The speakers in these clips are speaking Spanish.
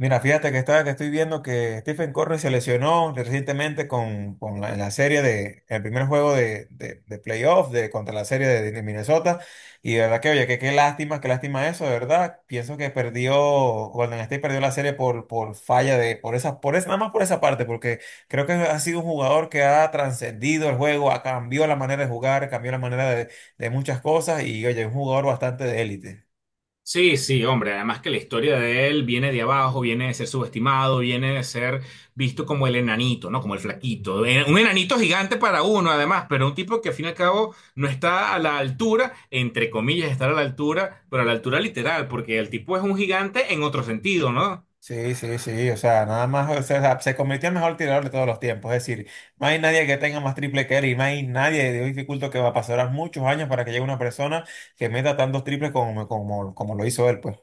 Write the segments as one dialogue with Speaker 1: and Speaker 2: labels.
Speaker 1: Mira, fíjate que estoy viendo que Stephen Curry se lesionó recientemente con la serie el primer juego de playoff contra la serie de Minnesota. Y de verdad oye, que qué lástima eso, de verdad. Golden State perdió la serie por falla de, por esa, nada más por esa parte, porque creo que ha sido un jugador que ha trascendido el juego, ha cambiado la manera de jugar, cambió la manera de muchas cosas y, oye, un jugador bastante de élite.
Speaker 2: Sí, sí, hombre, además que la historia de él viene de abajo, viene de ser subestimado, viene de ser visto como el enanito, ¿no? Como el flaquito. Un enanito gigante para uno, además, pero un tipo que al fin y al cabo no está a la altura, entre comillas, estar a la altura, pero a la altura literal, porque el tipo es un gigante en otro sentido, ¿no?
Speaker 1: Sí, sí, sí, o sea, nada más, o sea, se convirtió en mejor tirador de todos los tiempos, es decir, no hay nadie que tenga más triple que él y no hay nadie de dificulto que va a pasar muchos años para que llegue una persona que meta tantos triples como lo hizo él, pues.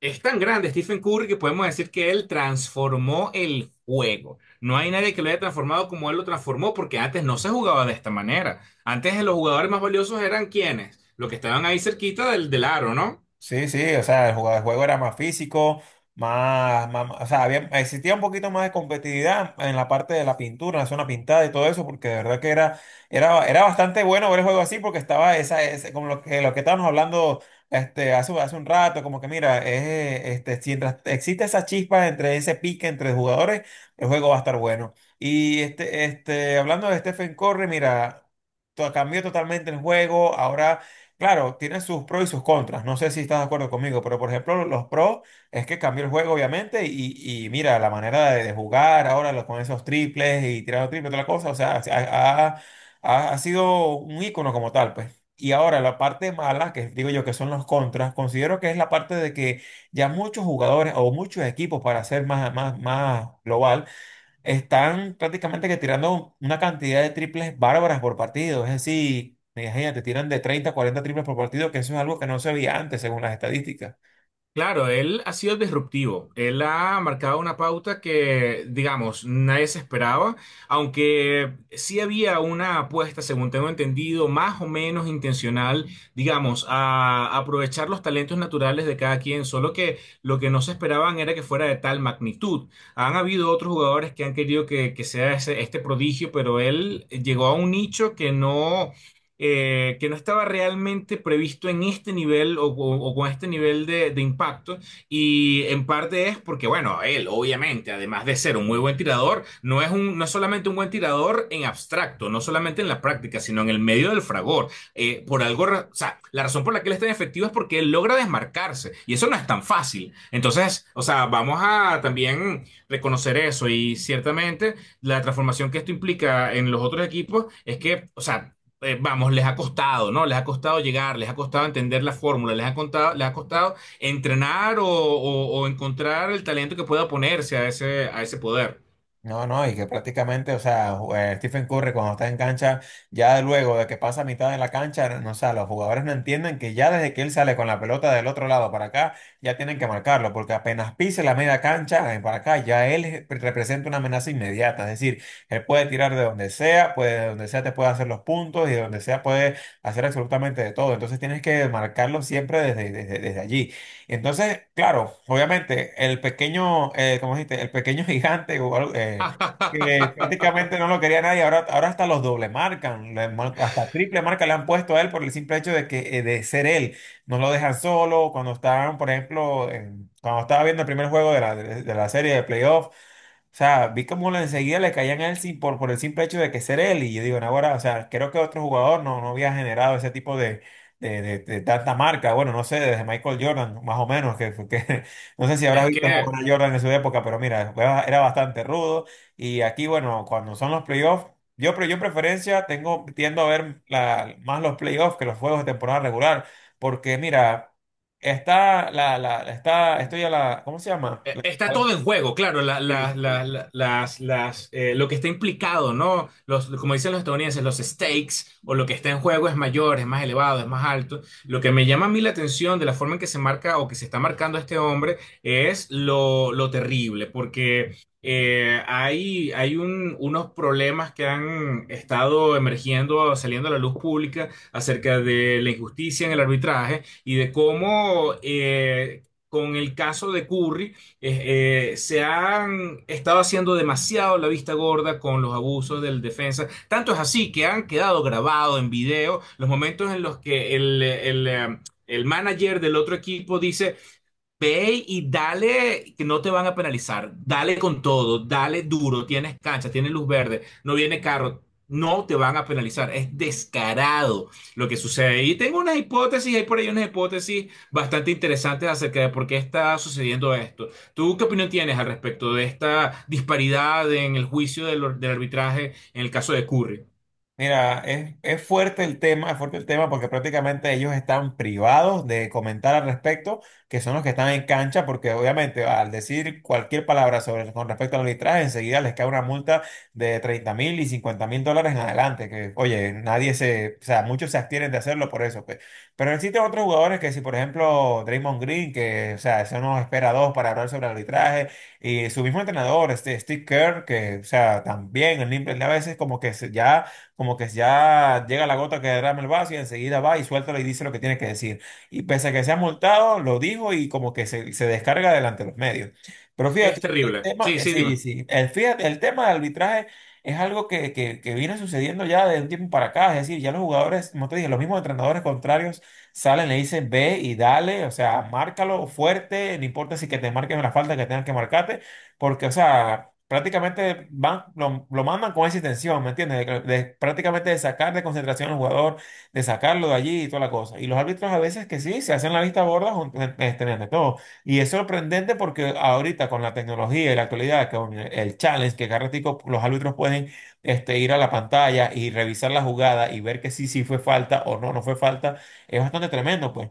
Speaker 2: Es tan grande Stephen Curry que podemos decir que él transformó el juego. No hay nadie que lo haya transformado como él lo transformó, porque antes no se jugaba de esta manera. Antes los jugadores más valiosos eran quienes, los que estaban ahí cerquita del aro, ¿no?
Speaker 1: Sí, sí, o sea, el juego era más físico, o sea, existía un poquito más de competitividad en la parte de la pintura, en la zona pintada y todo eso, porque de verdad que era bastante bueno ver el juego así, porque estaba como lo que estábamos hablando hace un rato, como que mira, si mientras existe esa chispa entre ese pique entre jugadores, el juego va a estar bueno. Y hablando de Stephen Curry, mira, cambió totalmente el juego. Ahora, claro, tiene sus pros y sus contras. No sé si estás de acuerdo conmigo, pero por ejemplo, los pros es que cambió el juego, obviamente, y mira, la manera de jugar ahora con esos triples y tirando triples, toda la cosa, o sea, ha sido un ícono como tal, pues. Y ahora la parte mala, que digo yo que son los contras, considero que es la parte de que ya muchos jugadores o muchos equipos, para ser más global, están prácticamente que tirando una cantidad de triples bárbaras por partido. Es decir, imagínate, te tiran de 30 a 40 triples por partido, que eso es algo que no se veía antes según las estadísticas.
Speaker 2: Claro, él ha sido disruptivo. Él ha marcado una pauta que, digamos, nadie se esperaba, aunque sí había una apuesta, según tengo entendido, más o menos intencional, digamos, a aprovechar los talentos naturales de cada quien, solo que lo que no se esperaban era que fuera de tal magnitud. Han habido otros jugadores que han querido que sea este prodigio, pero él llegó a un nicho que no estaba realmente previsto en este nivel o con este nivel de impacto. Y en parte es porque, bueno, él obviamente, además de ser un muy buen tirador, no es no es solamente un buen tirador en abstracto, no solamente en la práctica, sino en el medio del fragor. Por algo, o sea, la razón por la que él es tan efectivo es porque él logra desmarcarse y eso no es tan fácil. Entonces, o sea, vamos a también reconocer eso y ciertamente la transformación que esto implica en los otros equipos es que, o sea, vamos, les ha costado, ¿no? Les ha costado llegar, les ha costado entender la fórmula, les ha contado, les ha costado entrenar o encontrar el talento que pueda oponerse a ese poder.
Speaker 1: No, no, y que prácticamente, o sea, Stephen Curry cuando está en cancha, ya luego de que pasa mitad de la cancha, no, o sea, los jugadores no entienden que ya desde que él sale con la pelota del otro lado para acá, ya tienen que marcarlo, porque apenas pise la media cancha para acá, ya él representa una amenaza inmediata, es decir, él puede tirar de donde sea, puede, de donde sea te puede hacer los puntos y de donde sea puede hacer absolutamente de todo, entonces tienes que marcarlo siempre desde allí. Entonces, claro, obviamente, el pequeño, ¿cómo dijiste? El pequeño gigante, o algo, que prácticamente no lo quería nadie, ahora hasta los doble marcan, hasta triple marca le han puesto a él por el simple hecho de que de ser él. No lo dejan solo, cuando estaban, por ejemplo, en- cuando estaba viendo el primer juego de la serie de playoff, o sea, vi como enseguida le caían a él por el simple hecho de que ser él. Y yo digo, no, ahora, o sea, creo que otro jugador no había generado ese tipo de tanta marca. Bueno, no sé, desde Michael Jordan, más o menos, que no sé si habrás
Speaker 2: Es
Speaker 1: visto
Speaker 2: que
Speaker 1: jugar a Jordan en su época, pero mira, era bastante rudo. Y aquí, bueno, cuando son los playoffs, yo en preferencia tengo, tiendo a ver más los playoffs que los juegos de temporada regular. Porque mira, está la, la, está, estoy a la, ¿cómo se llama? La.
Speaker 2: Está todo en juego, claro, lo que está implicado, ¿no? Los, como dicen los estadounidenses, los stakes o lo que está en juego es mayor, es más elevado, es más alto. Lo que me llama a mí la atención de la forma en que se marca o que se está marcando este hombre es lo terrible, porque hay unos problemas que han estado emergiendo, saliendo a la luz pública acerca de la injusticia en el arbitraje y de cómo... con el caso de Curry, se han estado haciendo demasiado la vista gorda con los abusos del defensa. Tanto es así que han quedado grabados en video los momentos en los que el manager del otro equipo dice, ve y dale, que no te van a penalizar. Dale con todo, dale duro. Tienes cancha, tienes luz verde, no viene carro. No te van a penalizar. Es descarado lo que sucede. Y tengo unas hipótesis, hay por ahí unas hipótesis bastante interesantes acerca de por qué está sucediendo esto. ¿Tú qué opinión tienes al respecto de esta disparidad en el juicio del arbitraje en el caso de Curry?
Speaker 1: Mira, es fuerte el tema, es fuerte el tema porque prácticamente ellos están privados de comentar al respecto, que son los que están en cancha, porque obviamente al decir cualquier palabra sobre con respecto al arbitraje, enseguida les cae una multa de 30.000 y 50.000 dólares en adelante, que oye, nadie se, o sea, muchos se abstienen de hacerlo por eso, pues. Pero existen otros jugadores que si, por ejemplo, Draymond Green, que, o sea, eso nos espera dos para hablar sobre arbitraje. Y su mismo entrenador, este Steve Kerr, que, o sea, también el Nimble a veces como que ya como que ya llega la gota que derrama el vaso y enseguida va y suéltalo y dice lo que tiene que decir. Y pese a que sea multado, lo dijo y como que se descarga delante de los medios. Pero
Speaker 2: Es
Speaker 1: fíjate, el
Speaker 2: terrible.
Speaker 1: tema,
Speaker 2: Sí, sí,
Speaker 1: sí,
Speaker 2: dime.
Speaker 1: sí, fíjate, el tema del arbitraje es algo que viene sucediendo ya de un tiempo para acá. Es decir, ya los jugadores, como te dije, los mismos entrenadores contrarios salen, le dicen ve y dale, o sea, márcalo fuerte, no importa si que te marquen la falta que tengan que marcarte, porque, o sea prácticamente van, lo mandan con esa intención, ¿me entiendes? De prácticamente de sacar de concentración al jugador, de sacarlo de allí y toda la cosa. Y los árbitros a veces que sí, se hacen la vista gorda ante todo. Y es sorprendente porque ahorita con la tecnología y la actualidad, con el challenge, que cada ratico los árbitros pueden ir a la pantalla y revisar la jugada y ver que sí fue falta o no fue falta, es bastante tremendo, pues.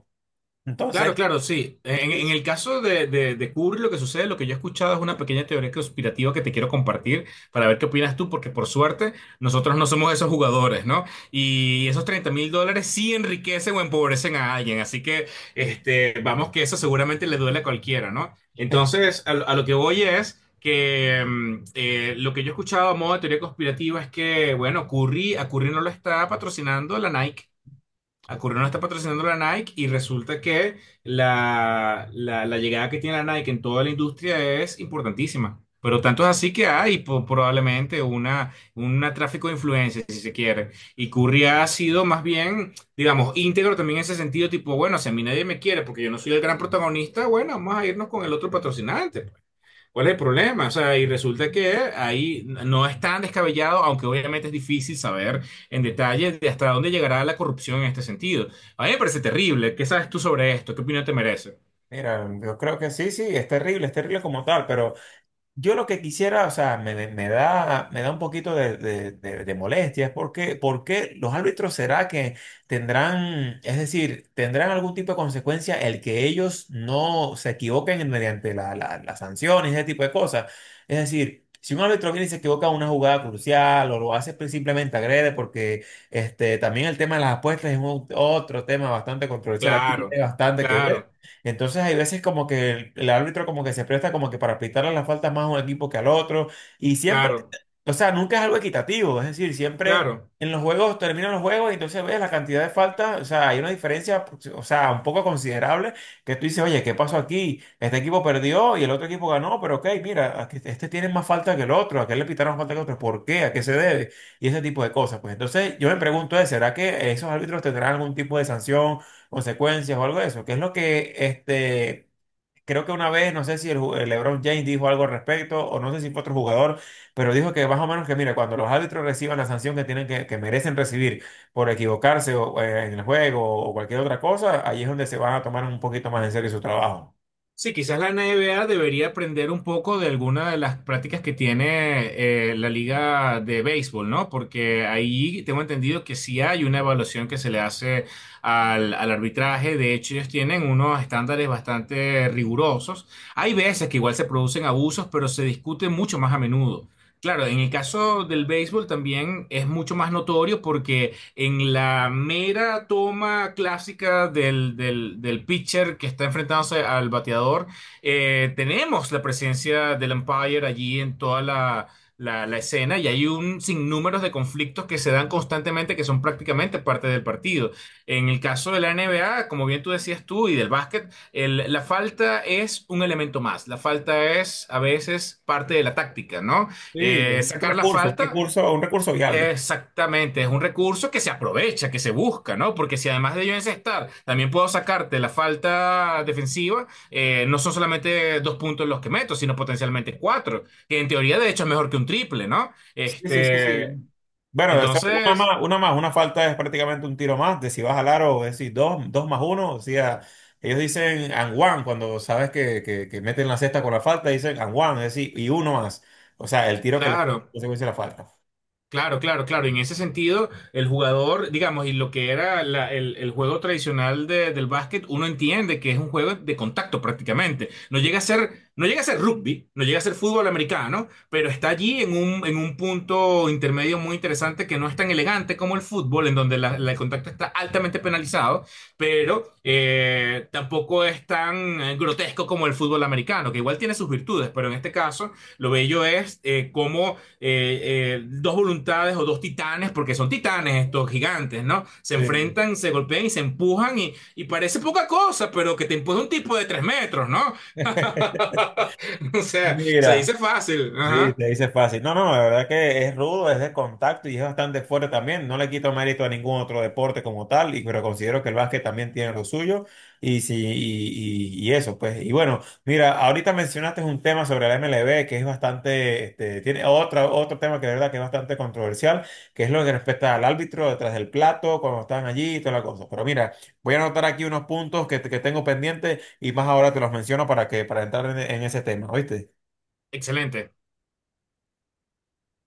Speaker 1: Entonces...
Speaker 2: Claro, claro, sí. En el caso de Kubrick, lo que sucede, lo que yo he escuchado es una pequeña teoría conspirativa que te quiero compartir para ver qué opinas tú, porque por suerte nosotros no somos esos jugadores, ¿no? Y esos 30 mil dólares sí enriquecen o empobrecen a alguien, así que
Speaker 1: eh,
Speaker 2: este, vamos que eso seguramente le duele a cualquiera, ¿no? Entonces, a lo que voy es que lo que yo he escuchado a modo de teoría conspirativa es que, bueno, a Curry no lo está patrocinando la Nike, a Curry no la está patrocinando la Nike y resulta que la llegada que tiene la Nike en toda la industria es importantísima. Pero tanto es así que hay probablemente un tráfico de influencias, si se quiere. Y Curry ha sido más bien, digamos, íntegro también en ese sentido, tipo, bueno, si a mí nadie me quiere porque yo no soy el gran protagonista, bueno, vamos a irnos con el otro patrocinante. ¿Cuál es el problema? O sea, y resulta que ahí no es tan descabellado, aunque obviamente es difícil saber en detalle de hasta dónde llegará la corrupción en este sentido. A mí me parece terrible. ¿Qué sabes tú sobre esto? ¿Qué opinión te merece?
Speaker 1: Mira, yo creo que sí, sí, es terrible como tal, pero yo lo que quisiera, o sea, me da un poquito de molestia, es porque los árbitros será que tendrán, es decir, tendrán algún tipo de consecuencia el que ellos no se equivoquen mediante las sanciones, ese tipo de cosas. Es decir, si un árbitro viene y se equivoca en una jugada crucial o lo hace simplemente agrede, porque este, también el tema de las apuestas es otro tema bastante controversial aquí, tiene
Speaker 2: Claro,
Speaker 1: bastante que ver.
Speaker 2: claro,
Speaker 1: Entonces hay veces como que el árbitro como que se presta como que para aplicarle las faltas más a un equipo que al otro. Y siempre,
Speaker 2: claro,
Speaker 1: o sea, nunca es algo equitativo. Es decir, siempre
Speaker 2: claro.
Speaker 1: en los juegos terminan los juegos y entonces ves la cantidad de faltas. O sea, hay una diferencia, o sea, un poco considerable que tú dices, oye, ¿qué pasó aquí? Este equipo perdió y el otro equipo ganó, pero ok, mira, este tiene más falta que el otro, aquel le pitaron más falta que el otro. ¿Por qué? ¿A qué se debe? Y ese tipo de cosas. Pues entonces yo me pregunto, ¿eh? ¿Será que esos árbitros tendrán algún tipo de sanción, consecuencias o algo de eso? Que es lo que este, creo que una vez, no sé si el LeBron James dijo algo al respecto o no sé si fue otro jugador, pero dijo que más o menos que, mira, cuando los árbitros reciban la sanción que tienen que merecen recibir por equivocarse o, en el juego o cualquier otra cosa, ahí es donde se van a tomar un poquito más en serio su trabajo.
Speaker 2: Sí, quizás la NBA debería aprender un poco de alguna de las prácticas que tiene la liga de béisbol, ¿no? Porque ahí tengo entendido que sí hay una evaluación que se le hace al arbitraje. De hecho, ellos tienen unos estándares bastante rigurosos. Hay veces que igual se producen abusos, pero se discute mucho más a menudo. Claro, en el caso del béisbol también es mucho más notorio porque en la mera toma clásica del pitcher que está enfrentándose al bateador, tenemos la presencia del umpire allí en toda la escena y hay un sinnúmero de conflictos que se dan constantemente que son prácticamente parte del partido. En el caso de la NBA, como bien tú decías tú, y del básquet, la falta es un elemento más. La falta es a veces parte de la táctica, ¿no?
Speaker 1: Sí, un
Speaker 2: Sacar la
Speaker 1: recurso, un
Speaker 2: falta.
Speaker 1: recurso, un recurso viable.
Speaker 2: Exactamente, es un recurso que se aprovecha, que se busca, ¿no? Porque si además de yo encestar, también puedo sacarte la falta defensiva, no son solamente dos puntos los que meto, sino potencialmente cuatro, que en teoría de hecho es mejor que un triple, ¿no?
Speaker 1: Sí, sí, sí,
Speaker 2: Este,
Speaker 1: sí. Bueno, o sea,
Speaker 2: entonces,
Speaker 1: una falta es prácticamente un tiro más, de si vas al aro, es decir, dos, dos más uno, o sea, ellos dicen and one, cuando sabes que meten la cesta con la falta, dicen and one, es decir, y uno más, o sea, el tiro que le
Speaker 2: claro.
Speaker 1: consecuencia de la falta.
Speaker 2: Claro, claro, claro. En ese sentido, el jugador, digamos, y lo que era el juego tradicional del básquet, uno entiende que es un juego de contacto prácticamente. No llega a ser, no llega a ser rugby, no llega a ser fútbol americano, pero está allí en un punto intermedio muy interesante que no es tan elegante como el fútbol, en donde el contacto está altamente penalizado, pero tampoco es tan grotesco como el fútbol americano, que igual tiene sus virtudes, pero en este caso, lo bello es cómo dos voluntades o dos titanes, porque son titanes estos gigantes, ¿no? Se
Speaker 1: Sí.
Speaker 2: enfrentan, se golpean y se empujan y parece poca cosa, pero que te empuja un tipo de tres metros, ¿no? O sea, se
Speaker 1: Mira.
Speaker 2: dice fácil.
Speaker 1: Sí,
Speaker 2: Ajá.
Speaker 1: te dice fácil. No, no, la verdad que es rudo, es de contacto y es bastante fuerte también. No le quito mérito a ningún otro deporte como tal, pero considero que el básquet también tiene lo suyo y, sí, y eso, pues. Y bueno, mira, ahorita mencionaste un tema sobre la MLB que es bastante, este, tiene otra, otro tema que de verdad que es bastante controversial, que es lo que respecta al árbitro detrás del plato, cuando están allí y toda la cosa. Pero mira, voy a anotar aquí unos puntos que tengo pendientes y más ahora te los menciono para para entrar en ese tema, ¿oíste?
Speaker 2: Excelente.